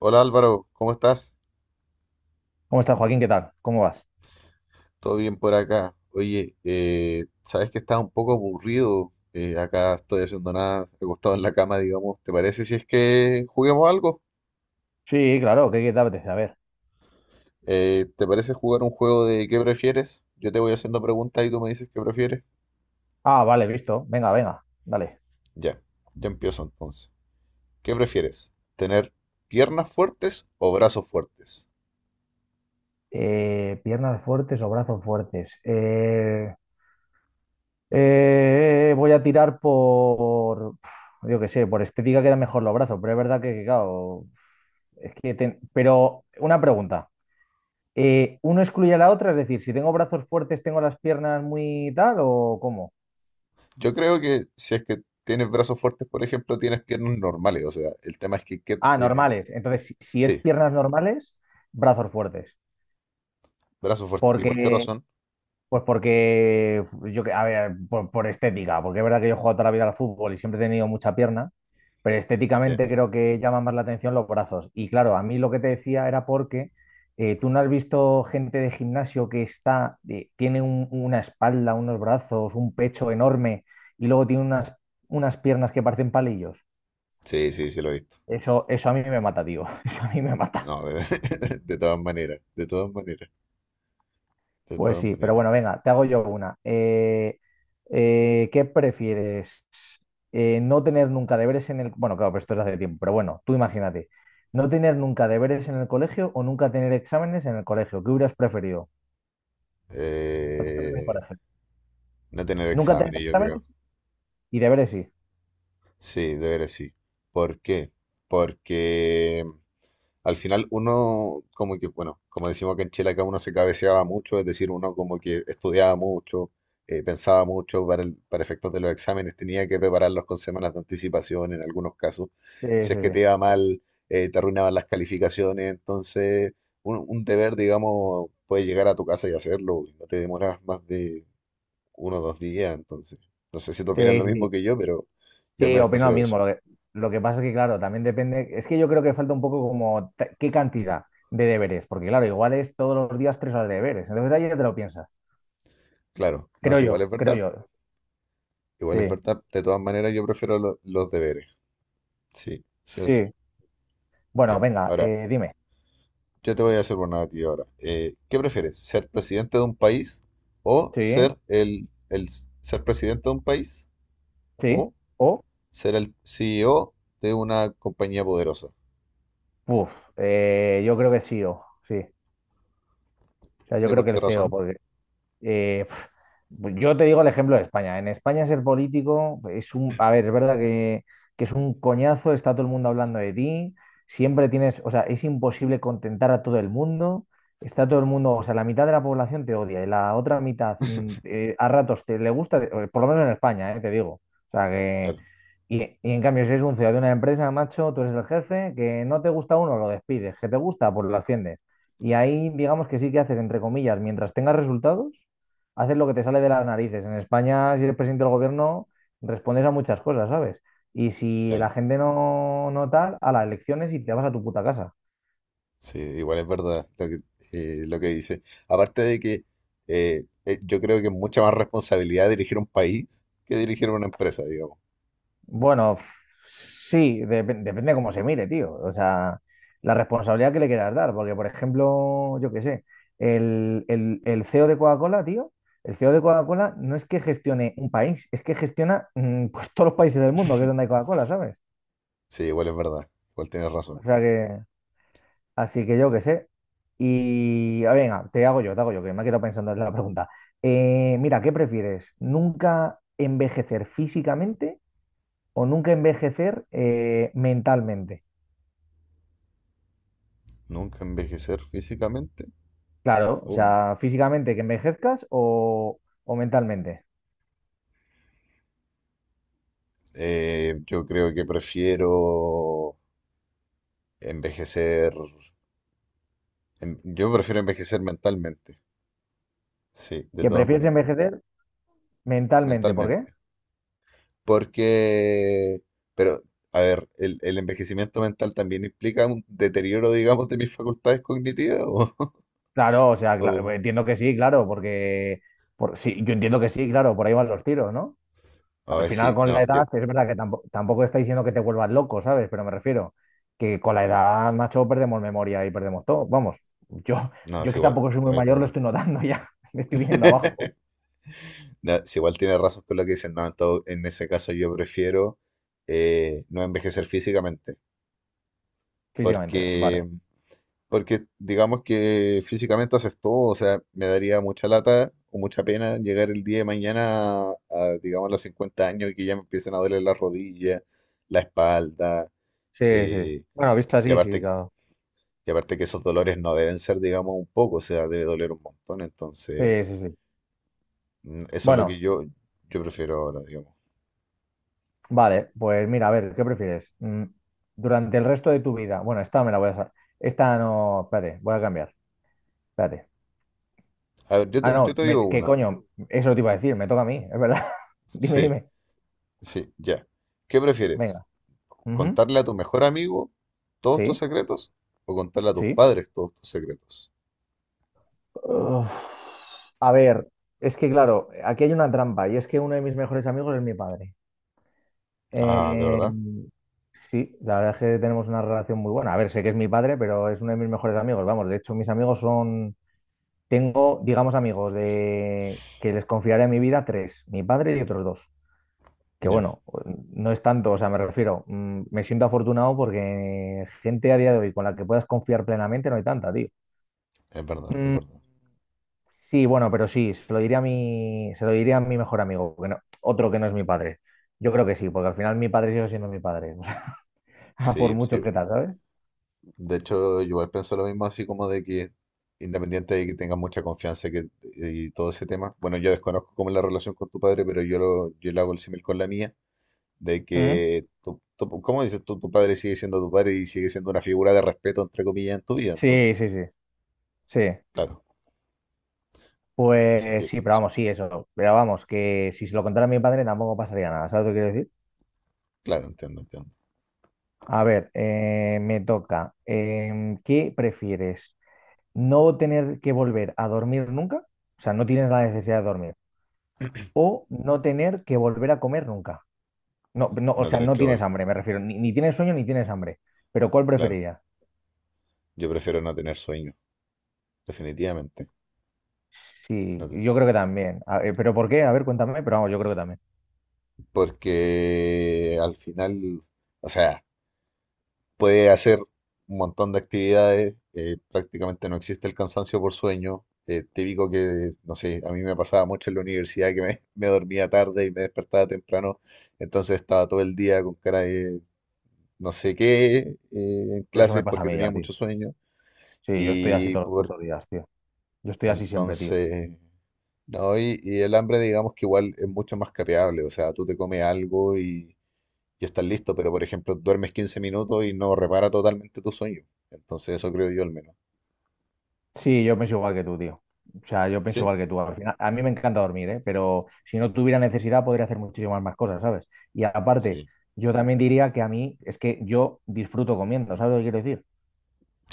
Hola Álvaro, ¿cómo estás? ¿Cómo estás, Joaquín? ¿Qué tal? ¿Cómo vas? ¿Todo bien por acá? Oye, sabes que estás un poco aburrido. Acá estoy haciendo nada, acostado en la cama, digamos. ¿Te parece si es que juguemos algo? Sí, claro, ¿qué te apetece? A ver. ¿Te parece jugar un juego de qué prefieres? Yo te voy haciendo preguntas y tú me dices qué prefieres. Ah, vale, visto. Venga, venga, dale. Ya, ya empiezo entonces. ¿Qué prefieres? ¿Tener piernas fuertes o brazos fuertes? Piernas fuertes o brazos fuertes. Voy a tirar por, pf, yo qué sé, por estética quedan mejor los brazos, pero es verdad que, claro, es que, pero una pregunta. ¿Uno excluye a la otra? Es decir, si tengo brazos fuertes, ¿tengo las piernas muy tal o cómo? Yo creo que si es que tienes brazos fuertes, por ejemplo, tienes piernas normales. O sea, el tema es que, que, Ah, eh, normales. Entonces, si es Sí, piernas normales, brazos fuertes. brazos fuertes. ¿Y por qué Porque, razón? pues porque, yo, a ver, por estética, porque es verdad que yo he jugado toda la vida al fútbol y siempre he tenido mucha pierna, pero Ya. estéticamente creo que llama más la atención los brazos. Y claro, a mí lo que te decía era porque tú no has visto gente de gimnasio que está, tiene una espalda, unos brazos, un pecho enorme y luego tiene unas piernas que parecen palillos. Sí, sí, sí lo he visto. Eso a mí me mata, tío. Eso a mí me mata. No, de, De todas maneras, de todas maneras, de Pues todas sí, pero maneras. bueno, venga, te hago yo una. ¿Qué prefieres? No tener nunca deberes en el... Bueno, claro, pero esto es hace tiempo, pero bueno, tú imagínate. ¿No tener nunca deberes en el colegio o nunca tener exámenes en el colegio? ¿Qué hubieras preferido? Cuando estabas en el Eh, colegio. no tener Nunca tener exámenes, yo creo. exámenes y deberes sí. Sí, de sí. ¿Por qué? Porque al final uno, como que, bueno, como decimos que en Chile acá uno se cabeceaba mucho, es decir, uno como que estudiaba mucho, pensaba mucho para, para efectos de los exámenes, tenía que prepararlos con semanas de anticipación en algunos casos. Sí, sí, Si es que sí. te iba mal, te arruinaban las calificaciones, entonces un deber, digamos, puedes llegar a tu casa y hacerlo, y no te demoras más de uno o dos días, entonces. No sé si tú opinas Sí, lo sí, mismo sí. que yo, pero yo al Sí, menos opino lo prefiero mismo. eso. Lo que pasa es que, claro, también depende... Es que yo creo que falta un poco como qué cantidad de deberes, porque claro, igual es todos los días tres horas de deberes. Entonces ahí ya te lo piensas. Claro, no Creo es igual, yo, es creo verdad. yo. Igual es Sí, verdad. De todas maneras, yo prefiero los deberes. Sí, sí o sí. sí. Bueno, Ya. venga, Ahora, dime. yo te voy a hacer una a ti ahora. ¿Qué prefieres? ¿Ser presidente de un país o Sí, ser ser presidente de un país sí. o O, ser el CEO de una compañía poderosa? puf, yo creo que sí, o sí. O sea, yo ¿De creo por que qué el CEO. razón? Pf, yo te digo el ejemplo de España. En España ser político es un, a ver, es verdad que es un coñazo, está todo el mundo hablando de ti, siempre tienes, o sea, es imposible contentar a todo el mundo, está todo el mundo, o sea, la mitad de la población te odia y la otra mitad a ratos te le gusta, por lo menos en España, te digo. O sea, que... Claro, y en cambio, si eres un ciudadano de una empresa, macho, tú eres el jefe, que no te gusta uno, lo despides, que te gusta, pues lo asciendes. Y ahí, digamos que sí que haces, entre comillas, mientras tengas resultados, haces lo que te sale de las narices. En España, si eres presidente del gobierno, respondes a muchas cosas, ¿sabes? Y si claro. la gente no, no tal, a las elecciones y te vas a tu puta casa. Sí, igual es verdad lo que dice. Aparte de que yo creo que es mucha más responsabilidad dirigir un país que dirigir una empresa, digamos. Bueno, sí, depende de cómo se mire, tío. O sea, la responsabilidad que le quieras dar. Porque, por ejemplo, yo qué sé, el CEO de Coca-Cola, tío, el CEO de Coca-Cola no es que gestione un país, es que gestiona pues todos los países del mundo, que es donde hay Coca-Cola, ¿sabes? Sí, igual es verdad. Igual tienes razón. O sea que... Así que yo qué sé. Y venga, te hago yo, que me he quedado pensando en la pregunta. Mira, ¿qué prefieres? ¿Nunca envejecer físicamente o nunca envejecer mentalmente? Nunca envejecer físicamente. Claro, o O sea, físicamente que envejezcas o mentalmente. Yo creo que prefiero envejecer. Yo prefiero envejecer mentalmente. Sí, de ¿Que todas prefieres maneras. envejecer mentalmente? ¿Por qué? Mentalmente. Porque, pero, a ver, el envejecimiento mental también implica un deterioro, digamos, de mis facultades cognitivas? O, Claro, o sea, o- entiendo que sí, claro, porque por, sí, yo entiendo que sí, claro, por ahí van los tiros, ¿no? a Al ver, final, sí, con la no, yo, edad, es verdad que tampoco, tampoco está diciendo que te vuelvas loco, ¿sabes? Pero me refiero que con la edad, macho, perdemos memoria y perdemos todo. Vamos, yo, no, yo es que igual, tampoco soy muy igual, mayor, lo perdón. estoy notando ya. Me estoy viniendo abajo No, si igual tiene razón con lo que dicen, no, en ese caso yo prefiero no envejecer físicamente, físicamente. porque Vale. porque digamos que físicamente haces todo, o sea, me daría mucha lata o mucha pena llegar el día de mañana a, digamos, los 50 años y que ya me empiecen a doler las rodillas, la espalda, Sí, sí. eh, Bueno, visto y así, sí, aparte, claro. y aparte que esos dolores no deben ser, digamos, un poco, o sea, debe doler un montón, entonces Sí, sí, sí. Eso es lo que Bueno, yo prefiero ahora, digamos. vale, pues mira, a ver, ¿qué prefieres? Durante el resto de tu vida. Bueno, esta me la voy a esta no. Espérate, voy a cambiar. Espérate. A ver, Ah, yo no, te digo ¿qué una, coño? Eso te iba a decir, me toca a mí, es verdad. Dime, sí, dime. sí, ya. ¿Qué prefieres? Venga. Ujú. ¿Contarle a tu mejor amigo todos tus Sí, secretos o contarle a tus sí. padres todos tus secretos? Uf, a ver, es que claro, aquí hay una trampa y es que uno de mis mejores amigos es mi padre. Ah, ¿de Eh, verdad? sí, la verdad es que tenemos una relación muy buena. A ver, sé que es mi padre, pero es uno de mis mejores amigos. Vamos, de hecho, tengo, digamos, amigos de que les confiaré mi vida tres, mi padre y otros dos. Que Ya, bueno, no es tanto, o sea, me refiero, me siento afortunado porque gente a día de hoy con la que puedas confiar plenamente no hay tanta, tío. es verdad, es verdad. Sí, bueno, pero sí, se lo diría a mi mejor amigo, que no- otro que no es mi padre. Yo creo que sí, porque al final mi padre sigue siendo mi padre, o sea, a por Sí, sí. mucho que tal, ¿sabes? De hecho, yo igual pienso lo mismo, así como de que independiente de que tengas mucha confianza y que, y todo ese tema, bueno, yo desconozco cómo es la relación con tu padre, pero yo lo, yo le hago el símil con la mía, de ¿Mm? que, tu, ¿cómo dices tú? Tu padre sigue siendo tu padre y sigue siendo una figura de respeto, entre comillas, en tu vida, Sí, entonces, sí, sí. claro. Así Pues que sí, pero vamos, eso, sí, eso. Pero vamos, que si se lo contara a mi padre tampoco pasaría nada, ¿sabes lo que quiero decir? claro, entiendo, entiendo. A ver, me toca. ¿Qué prefieres? ¿No tener que volver a dormir nunca? O sea, no tienes la necesidad de dormir. ¿O no tener que volver a comer nunca? No, no, o No sea, tener no que tienes volver, hambre, me refiero. Ni tienes sueño ni tienes hambre. Pero ¿cuál claro. preferirías? Yo prefiero no tener sueño, definitivamente. Sí, No te- yo creo que también. A ver, ¿pero por qué? A ver, cuéntame, pero vamos, yo creo que también. Porque al final, o sea, puede hacer un montón de actividades, prácticamente no existe el cansancio por sueño. Típico que, no sé, a mí me pasaba mucho en la universidad que me, me dormía tarde y me despertaba temprano, entonces estaba todo el día con cara de no sé qué en Eso me clases pasa a porque mí tenía ya, tío. mucho sueño Sí, yo estoy así y todos los por putos días, tío. Yo estoy así siempre, tío. entonces no, y el hambre, digamos que igual es mucho más capeable, o sea, tú te comes algo y estás listo, pero por ejemplo, duermes 15 minutos y no repara totalmente tu sueño. Entonces, eso creo yo al menos. Sí, yo pienso igual que tú, tío. O sea, yo pienso ¿Sí? igual que tú. Al final, a mí me encanta dormir, ¿eh? Pero si no tuviera necesidad, podría hacer muchísimas más cosas, ¿sabes? Y aparte, Sí. yo también diría que a mí es que yo disfruto comiendo, ¿sabes lo que quiero decir?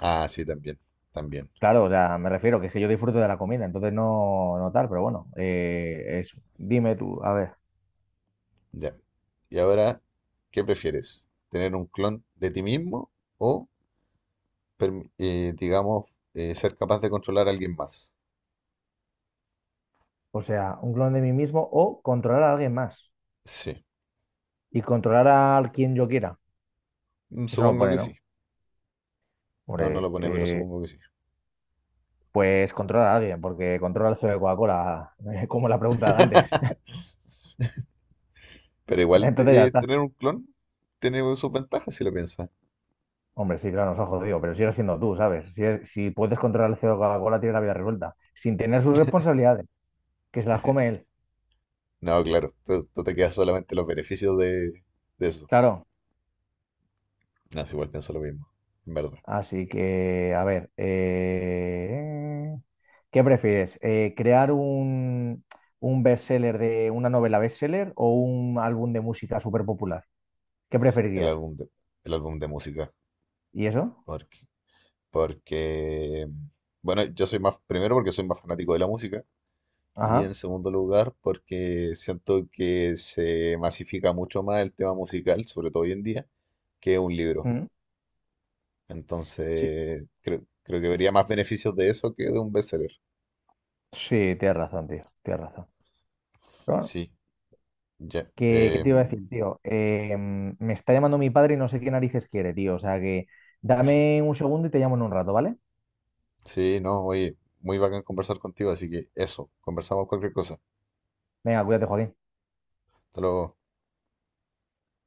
Ah, sí, también, también. Claro, o sea, me refiero que es que yo disfruto de la comida, entonces no, no tal, pero bueno, eso. Dime tú, a ver, Ya. Y ahora, ¿qué prefieres? ¿Tener un clon de ti mismo o, digamos, ser capaz de controlar a alguien más? o sea, un clon de mí mismo o controlar a alguien más Sí. y controlar a quien yo quiera. Mm, Eso no lo supongo pone, que ¿no? sí. No, no lo Hombre, pone, pero supongo que sí. pues controlar a alguien, porque controla el CEO de Coca-Cola, como la pregunta de antes. Pero igual Entonces ya está. tener un clon tiene sus ventajas si lo piensas. Hombre, sí, claro, nos ha jodido, pero sigue siendo tú, ¿sabes? Si, si puedes controlar el CEO de Coca-Cola, tienes la vida resuelta, sin tener sus responsabilidades, que se las come él. No, claro, tú te quedas solamente los beneficios de eso. Claro. No, sí, igual pienso lo mismo, en verdad. Así que, a ver, ¿qué prefieres? ¿Crear un bestseller de una novela bestseller o un álbum de música súper popular? ¿Qué El preferirías? álbum de, el álbum de música. ¿Y eso? Porque, porque, bueno, yo soy más, primero porque soy más fanático de la música. Y Ajá. en segundo lugar, porque siento que se masifica mucho más el tema musical, sobre todo hoy en día, que un libro. mm, Sí, Entonces, creo, creo que vería más beneficios de eso que de un bestseller. sí, tienes razón, tío, tienes razón. Pero bueno, Sí. Ya, qué te iba a em, decir, tío? Me está llamando mi padre y no sé qué narices quiere, tío. O sea que dame un segundo y te llamo en un rato, ¿vale? sí, no, oye, muy bacán conversar contigo, así que eso, conversamos cualquier cosa. Venga, cuídate, Joaquín. Hasta luego.